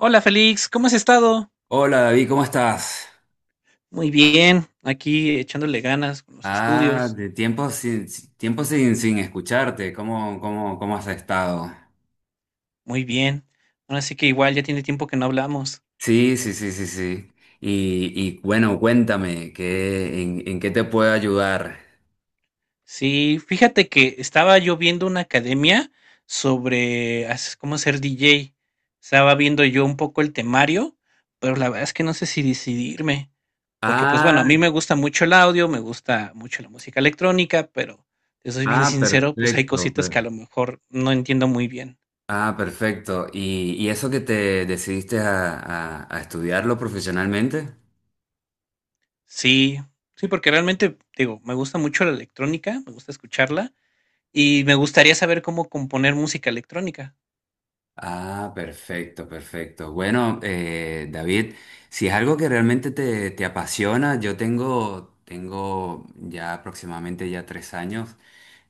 Hola Félix, ¿cómo has estado? Hola David, ¿cómo estás? Muy bien, aquí echándole ganas con los estudios, De tiempo sin, si- tiempo sin escucharte, cómo has estado? muy bien. Ahora sí que igual ya tiene tiempo que no hablamos. Sí, sí, sí, sí, sí. Y, y bueno, cuéntame, en qué te puedo ayudar? Sí, fíjate que estaba yo viendo una academia sobre cómo ser DJ. Estaba viendo yo un poco el temario, pero la verdad es que no sé si decidirme, porque pues bueno, a Ah, mí me gusta mucho el audio, me gusta mucho la música electrónica, pero te soy bien ah, sincero, pues hay perfecto. cositas per- que a lo mejor no entiendo muy bien. Ah, perfecto. Y eso que te decidiste a, a estudiarlo profesionalmente? Sí, sí, porque realmente, digo, me gusta mucho la electrónica, me gusta escucharla y me gustaría saber cómo componer música electrónica. Ah, perfecto, perfecto. Bueno, David, si es algo que realmente te apasiona, tengo ya aproximadamente ya 3 años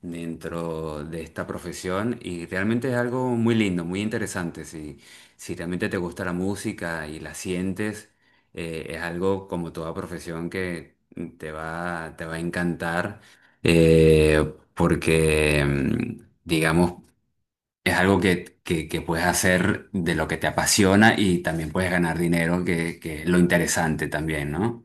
dentro de esta profesión y realmente es algo muy lindo, muy interesante. Si, si realmente te gusta la música y la sientes, es algo como toda profesión que te va a encantar porque, digamos, es algo que puedes hacer de lo que te apasiona y también puedes ganar dinero, que es lo interesante también, ¿no?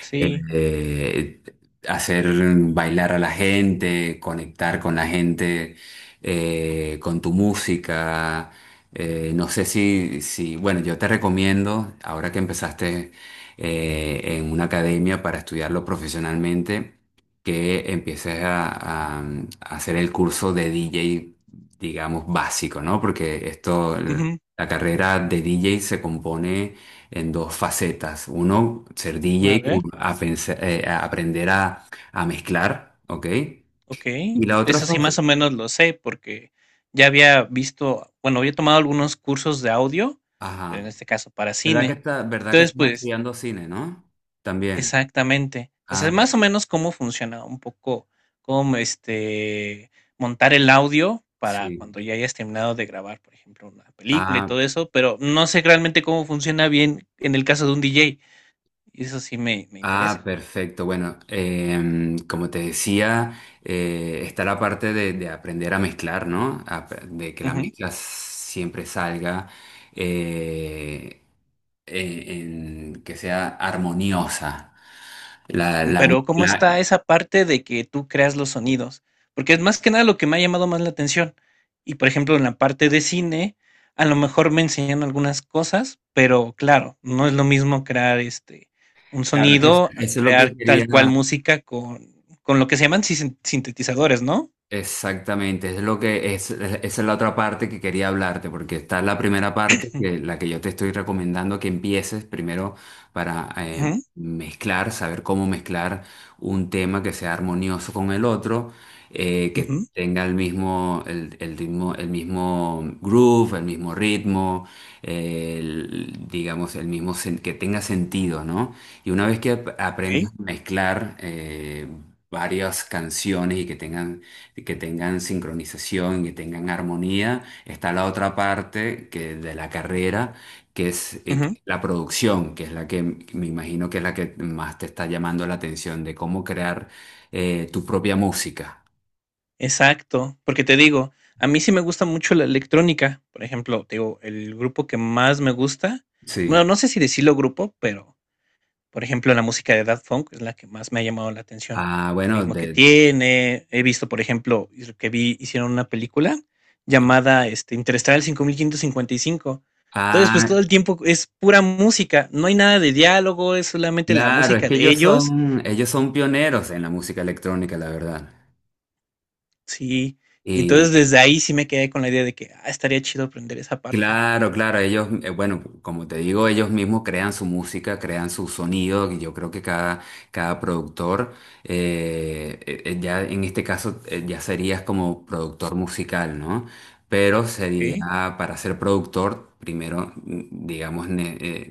Sí. eh, Hacer bailar a la gente, conectar con la gente, con tu música. No sé si, si, bueno, yo te recomiendo, ahora que empezaste en una academia para estudiarlo profesionalmente, que empieces a, a hacer el curso de DJ, digamos, básico, ¿no? Porque esto, Ujú. la carrera de DJ se compone en dos facetas. Uno, ser DJ, A y ver, a aprender a mezclar, ¿ok? ok. Y la otra, Eso sí, más o menos lo sé porque ya había visto, bueno, había tomado algunos cursos de audio, pero en ajá, este caso para cine. Verdad que Entonces, estás pues. estudiando cine, ¿no? También. Exactamente. O sea, Ah, más o menos cómo funciona un poco, cómo montar el audio para sí. cuando ya hayas terminado de grabar, por ejemplo, una película y Ah, todo eso, pero no sé realmente cómo funciona bien en el caso de un DJ. Y eso sí me ah, interesa. perfecto. Bueno, como te decía, está la parte de aprender a mezclar, ¿no? De que la mezcla siempre salga. eh, en que sea armoniosa, la Pero, ¿cómo está mezcla, esa parte de que tú creas los sonidos? Porque es más que nada lo que me ha llamado más la atención. Y por ejemplo, en la parte de cine, a lo mejor me enseñan algunas cosas, pero claro, no es lo mismo crear un claro que sonido, a eso es lo que crear tal cual quería, música con, lo que se llaman sintetizadores, ¿no? Exactamente, es lo que es, esa es la otra parte que quería hablarte, porque está la primera parte, que, la que yo te estoy recomendando que empieces primero para Ujú, mezclar, saber cómo mezclar un tema que sea armonioso con el otro, que ujú, tenga el mismo, el mismo groove, el mismo ritmo, digamos, el mismo, que tenga sentido, ¿no? Y una vez que ok, aprendas a mezclar varias canciones y que tengan sincronización, que tengan armonía. Está la otra parte que, de la carrera, que es ujú. la producción, que es la que me imagino que es la que más te está llamando la atención, de cómo crear tu propia música. Exacto, porque te digo, a mí sí me gusta mucho la electrónica. Por ejemplo, te digo, el grupo que más me gusta, bueno, Sí. no sé si decirlo grupo, pero por ejemplo, la música de Daft Punk es la que más me ha llamado la atención. Ah, El bueno, ritmo que de... tiene. He visto, por ejemplo, que vi, hicieron una película llamada Interestelar cinco mil quinientos cincuenta y cinco. Entonces, pues Ah, todo el tiempo es pura música, no hay nada de diálogo, es solamente la claro, es música que de ellos. Ellos son pioneros en la música electrónica, la verdad. Sí, y entonces desde ahí sí me quedé con la idea de que, ah, estaría chido aprender esa parte, Claro, claro, ellos, bueno, como te digo, ellos mismos crean su música, crean su sonido, y yo creo que cada, cada productor, ya en este caso, ya serías como productor musical, ¿no? Pero sería, ¿ok? para ser productor, primero, digamos,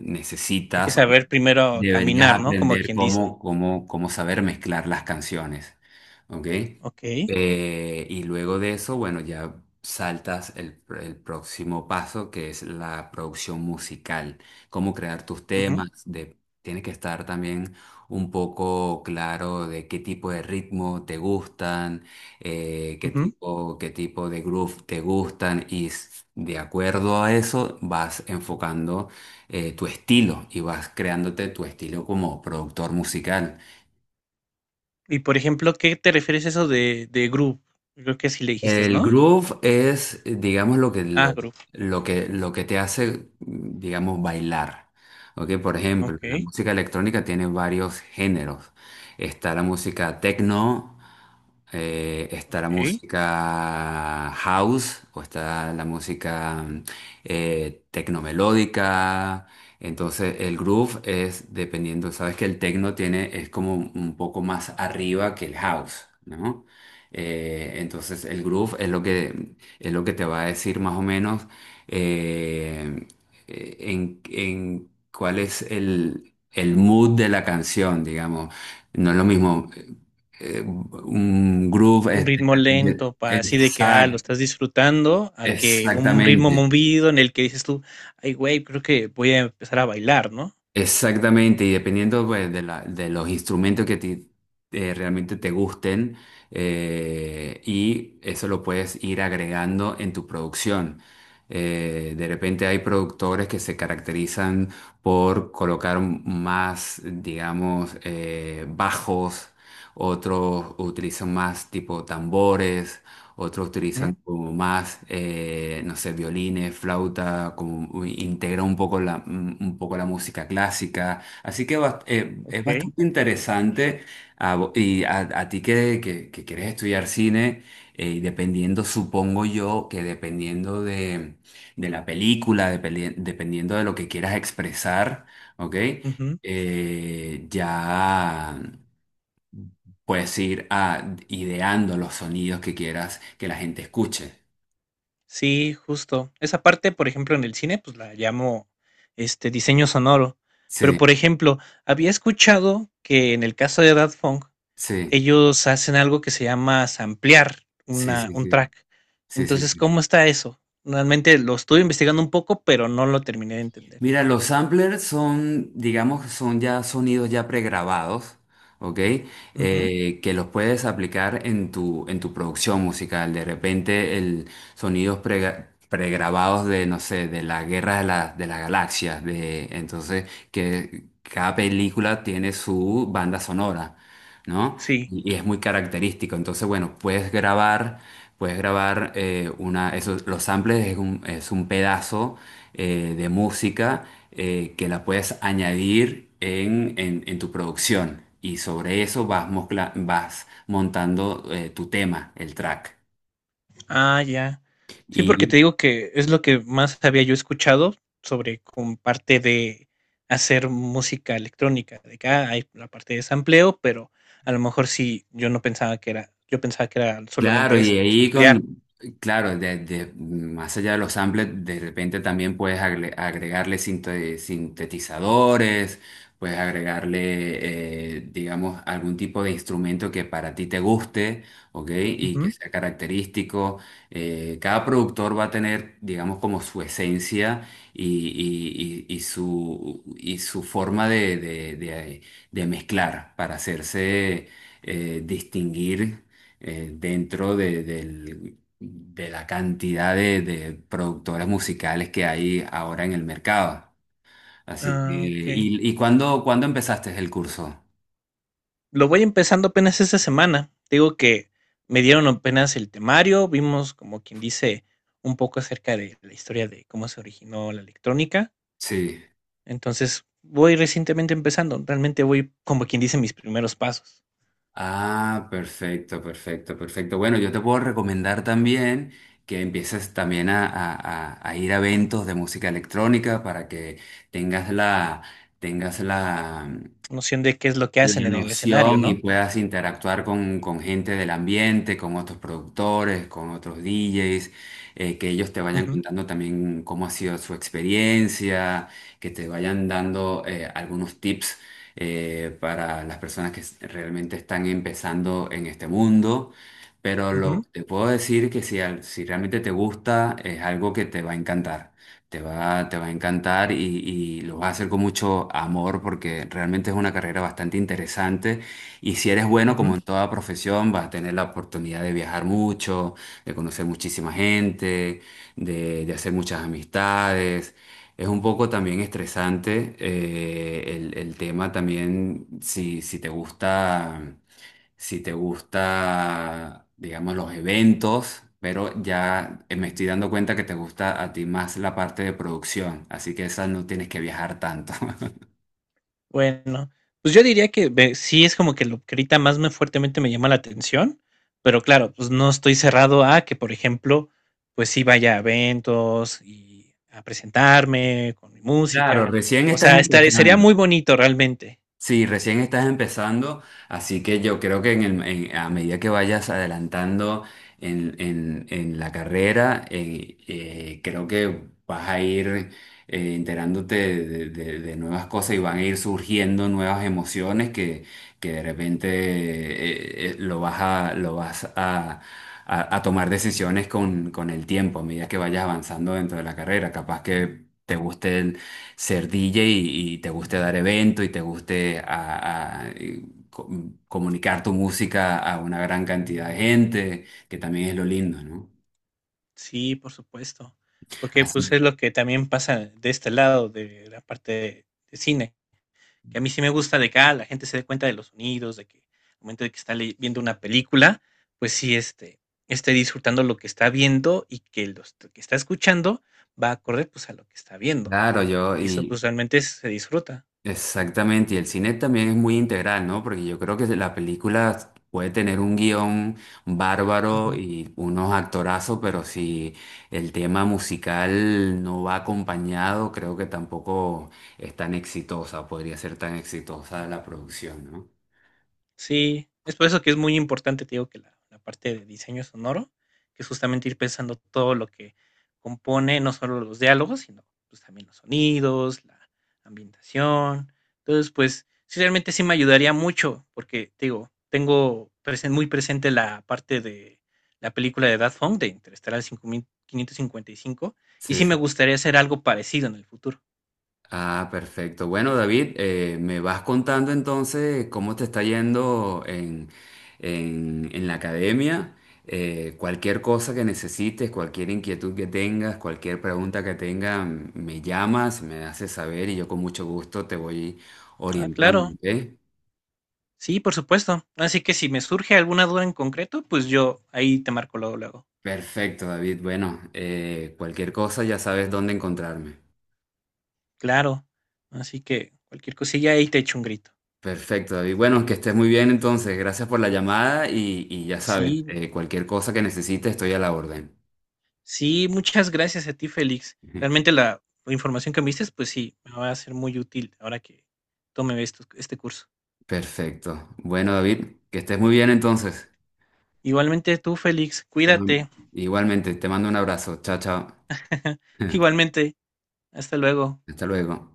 Hay que necesitas saber primero Deberías caminar, ¿no? Como aprender quien dice, cómo, cómo saber mezclar las canciones, ¿ok? ¿ok? Y luego de eso, bueno, ya saltas el próximo paso, que es la producción musical, cómo crear tus Ujú, temas, de, tienes que estar también un poco claro de qué tipo de ritmo te gustan, ujú. Qué tipo de groove te gustan, y de acuerdo a eso vas enfocando tu estilo y vas creándote tu estilo como productor musical. Y por ejemplo, ¿qué te refieres a eso de groove? Creo que sí le dijiste, El ¿no? groove es, digamos, Ah, groove, ok, lo que te hace, digamos, bailar. ¿Ok? Por ejemplo, la ok, música electrónica tiene varios géneros. Está la música techno, está la ok. música house, o está la música tecnomelódica. Entonces, el groove es dependiendo, sabes que el techno tiene, es como un poco más arriba que el house, ¿no? Entonces el groove es lo que te va a decir más o menos eh, en cuál es el mood de la canción, digamos. No es lo mismo un groove. Un ritmo lento, para así de que, ah, lo exact- estás disfrutando, a que un ritmo exactamente. movido en el que dices tú, ay, güey, creo que voy a empezar a bailar, ¿no? Exactamente, y dependiendo pues, de los instrumentos realmente te gusten, y eso lo puedes ir agregando en tu producción. De repente hay productores que se caracterizan por colocar más, digamos, bajos, otros utilizan más tipo tambores, otros utilizan Ujú, como más, no sé, violines, flauta, como integra un poco la, un poco la música clásica. Así que es ok, bastante interesante a a ti que quieres estudiar cine, y dependiendo, supongo yo, que dependiendo de la película, dependiendo de lo que quieras expresar, ¿ok? ujú. Ya. Puedes ir a ideando los sonidos que quieras que la gente escuche. Sí, justo. Esa parte, por ejemplo, en el cine, pues la llamo diseño sonoro. Pero, Sí, por ejemplo, había escuchado que en el caso de Daft Punk, sí, ellos hacen algo que se llama samplear sí, una, sí, un sí, track. sí, sí, Entonces, sí. ¿cómo está eso? Realmente lo estuve investigando un poco, pero no lo terminé de entender. Mira, los samplers son, digamos, son ya sonidos ya pregrabados, ¿ok? Ujú, Que los puedes aplicar en tu producción musical. De repente, el sonidos pregrabados de, no sé, de la Guerra de, de las Galaxias, de, entonces, que cada película tiene su banda sonora. ¿No? sí. Y es muy característico. Entonces, bueno, puedes grabar una, los samples es un pedazo de música que la puedes añadir en tu producción. Y sobre eso vas, vas montando tu tema, el track. Ah, ya. Sí, porque te digo que es lo que más había yo escuchado sobre con parte de hacer música electrónica. De acá hay la parte de sampleo, pero a lo mejor sí, yo no pensaba que era, yo pensaba que era Claro, solamente eso, samplear. Claro, más allá de los samples, de repente también puedes agregarle sintetizadores, puedes agregarle, digamos, algún tipo de instrumento que para ti te guste, ¿ok? Y que Ujú. sea característico. Cada productor va a tener, digamos, como su esencia y su forma de, de mezclar para hacerse distinguir dentro de, de la cantidad de productoras musicales que hay ahora en el mercado. Así que, Ah, ok. Y cuándo, cuándo empezaste el curso? Lo voy empezando apenas esta semana. Te digo que me dieron apenas el temario, vimos como quien dice un poco acerca de la historia de cómo se originó la electrónica. Sí. Entonces, voy recientemente empezando, realmente voy como quien dice mis primeros pasos, Ah, perfecto, perfecto, perfecto. Bueno, yo te puedo recomendar también que empieces también a, a ir a eventos de música electrónica para que tengas la, tengas la, noción de qué es lo que la hacen en el escenario, noción y ¿no? puedas interactuar con gente del ambiente, con otros productores, con otros DJs, que ellos te vayan Ujú, contando también cómo ha sido su experiencia, que te vayan dando algunos tips para las personas realmente están empezando en este mundo. Ujú, Te puedo decir que si, si realmente te gusta, es algo que te va a encantar. Te va a encantar y lo vas a hacer con mucho amor porque realmente es una carrera bastante interesante y si eres bueno, como ujú. en toda profesión, vas a tener la oportunidad de viajar mucho, de conocer muchísima gente, de hacer muchas amistades. Es un poco también estresante el tema también, si te gusta si te gusta, digamos, los eventos, pero ya me estoy dando cuenta que te gusta a ti más la parte de producción, así que esa no tienes que viajar tanto. Bueno, pues yo diría que ve sí es como que lo que ahorita más me fuertemente me llama la atención, pero claro, pues no estoy cerrado a que, por ejemplo, pues sí vaya a eventos y a presentarme con mi Claro, música. recién O estás sea, estaría sería empezando. muy bonito realmente. Sí, recién estás empezando, así que yo creo que en a medida que vayas adelantando en la carrera, creo que vas a ir enterándote de, de nuevas cosas y van a ir surgiendo nuevas emociones que de repente lo vas a, a tomar decisiones con el tiempo, a medida que vayas avanzando dentro de la carrera. Capaz que te guste ser DJ y te guste dar evento y te guste co- comunicar tu música a una gran cantidad de gente, que también es lo lindo, ¿no? Sí, por supuesto, porque, pues, Así, es lo que también pasa de este lado de la parte de cine, que a mí sí me gusta de que, ah, la gente se dé cuenta de los sonidos, de que al momento de que está ley viendo una película, pues sí, esté disfrutando lo que está viendo y que los que está escuchando va acorde, pues, a lo que está viendo, claro, yo, y eso, y pues, realmente se disfruta. exactamente, y el cine también es muy integral, ¿no? Porque yo creo que la película puede tener un guión bárbaro y unos actorazos, pero si el tema musical no va acompañado, creo que tampoco es tan exitosa, podría ser tan exitosa la producción, ¿no? Sí, es por eso que es muy importante, te digo, que la parte de diseño sonoro, que es justamente ir pensando todo lo que compone, no solo los diálogos, sino pues también los sonidos, la ambientación. Entonces, pues sí, realmente sí me ayudaría mucho, porque te digo, tengo muy presente la parte de la película de Daft Punk, de Interestelar 5555, y cinco, y Sí, sí me sí. gustaría hacer algo parecido en el futuro. Ah, perfecto. Bueno, David, me vas contando entonces cómo te está yendo en la academia. Cualquier cosa que necesites, cualquier inquietud que tengas, cualquier pregunta que tengas, me llamas, me haces saber y yo con mucho gusto te voy Ah, orientando, claro. ¿ok? Sí, por supuesto. Así que si me surge alguna duda en concreto, pues yo ahí te marco luego, luego. Perfecto, David. Bueno, cualquier cosa ya sabes dónde encontrarme. Claro. Así que cualquier cosilla ahí te echo un grito. Perfecto, David. Bueno, que estés muy bien entonces. Gracias por la llamada y ya sabes, Sí, cualquier cosa que necesites estoy a la orden. sí, muchas gracias a ti, Félix. Realmente la, información que me diste, pues sí, me va a ser muy útil ahora que tome este curso. Perfecto. Bueno, David, que estés muy bien entonces. Igualmente tú, Félix, cuídate. Igualmente, te mando un abrazo. Chao, chao. Igualmente, hasta luego. Hasta luego.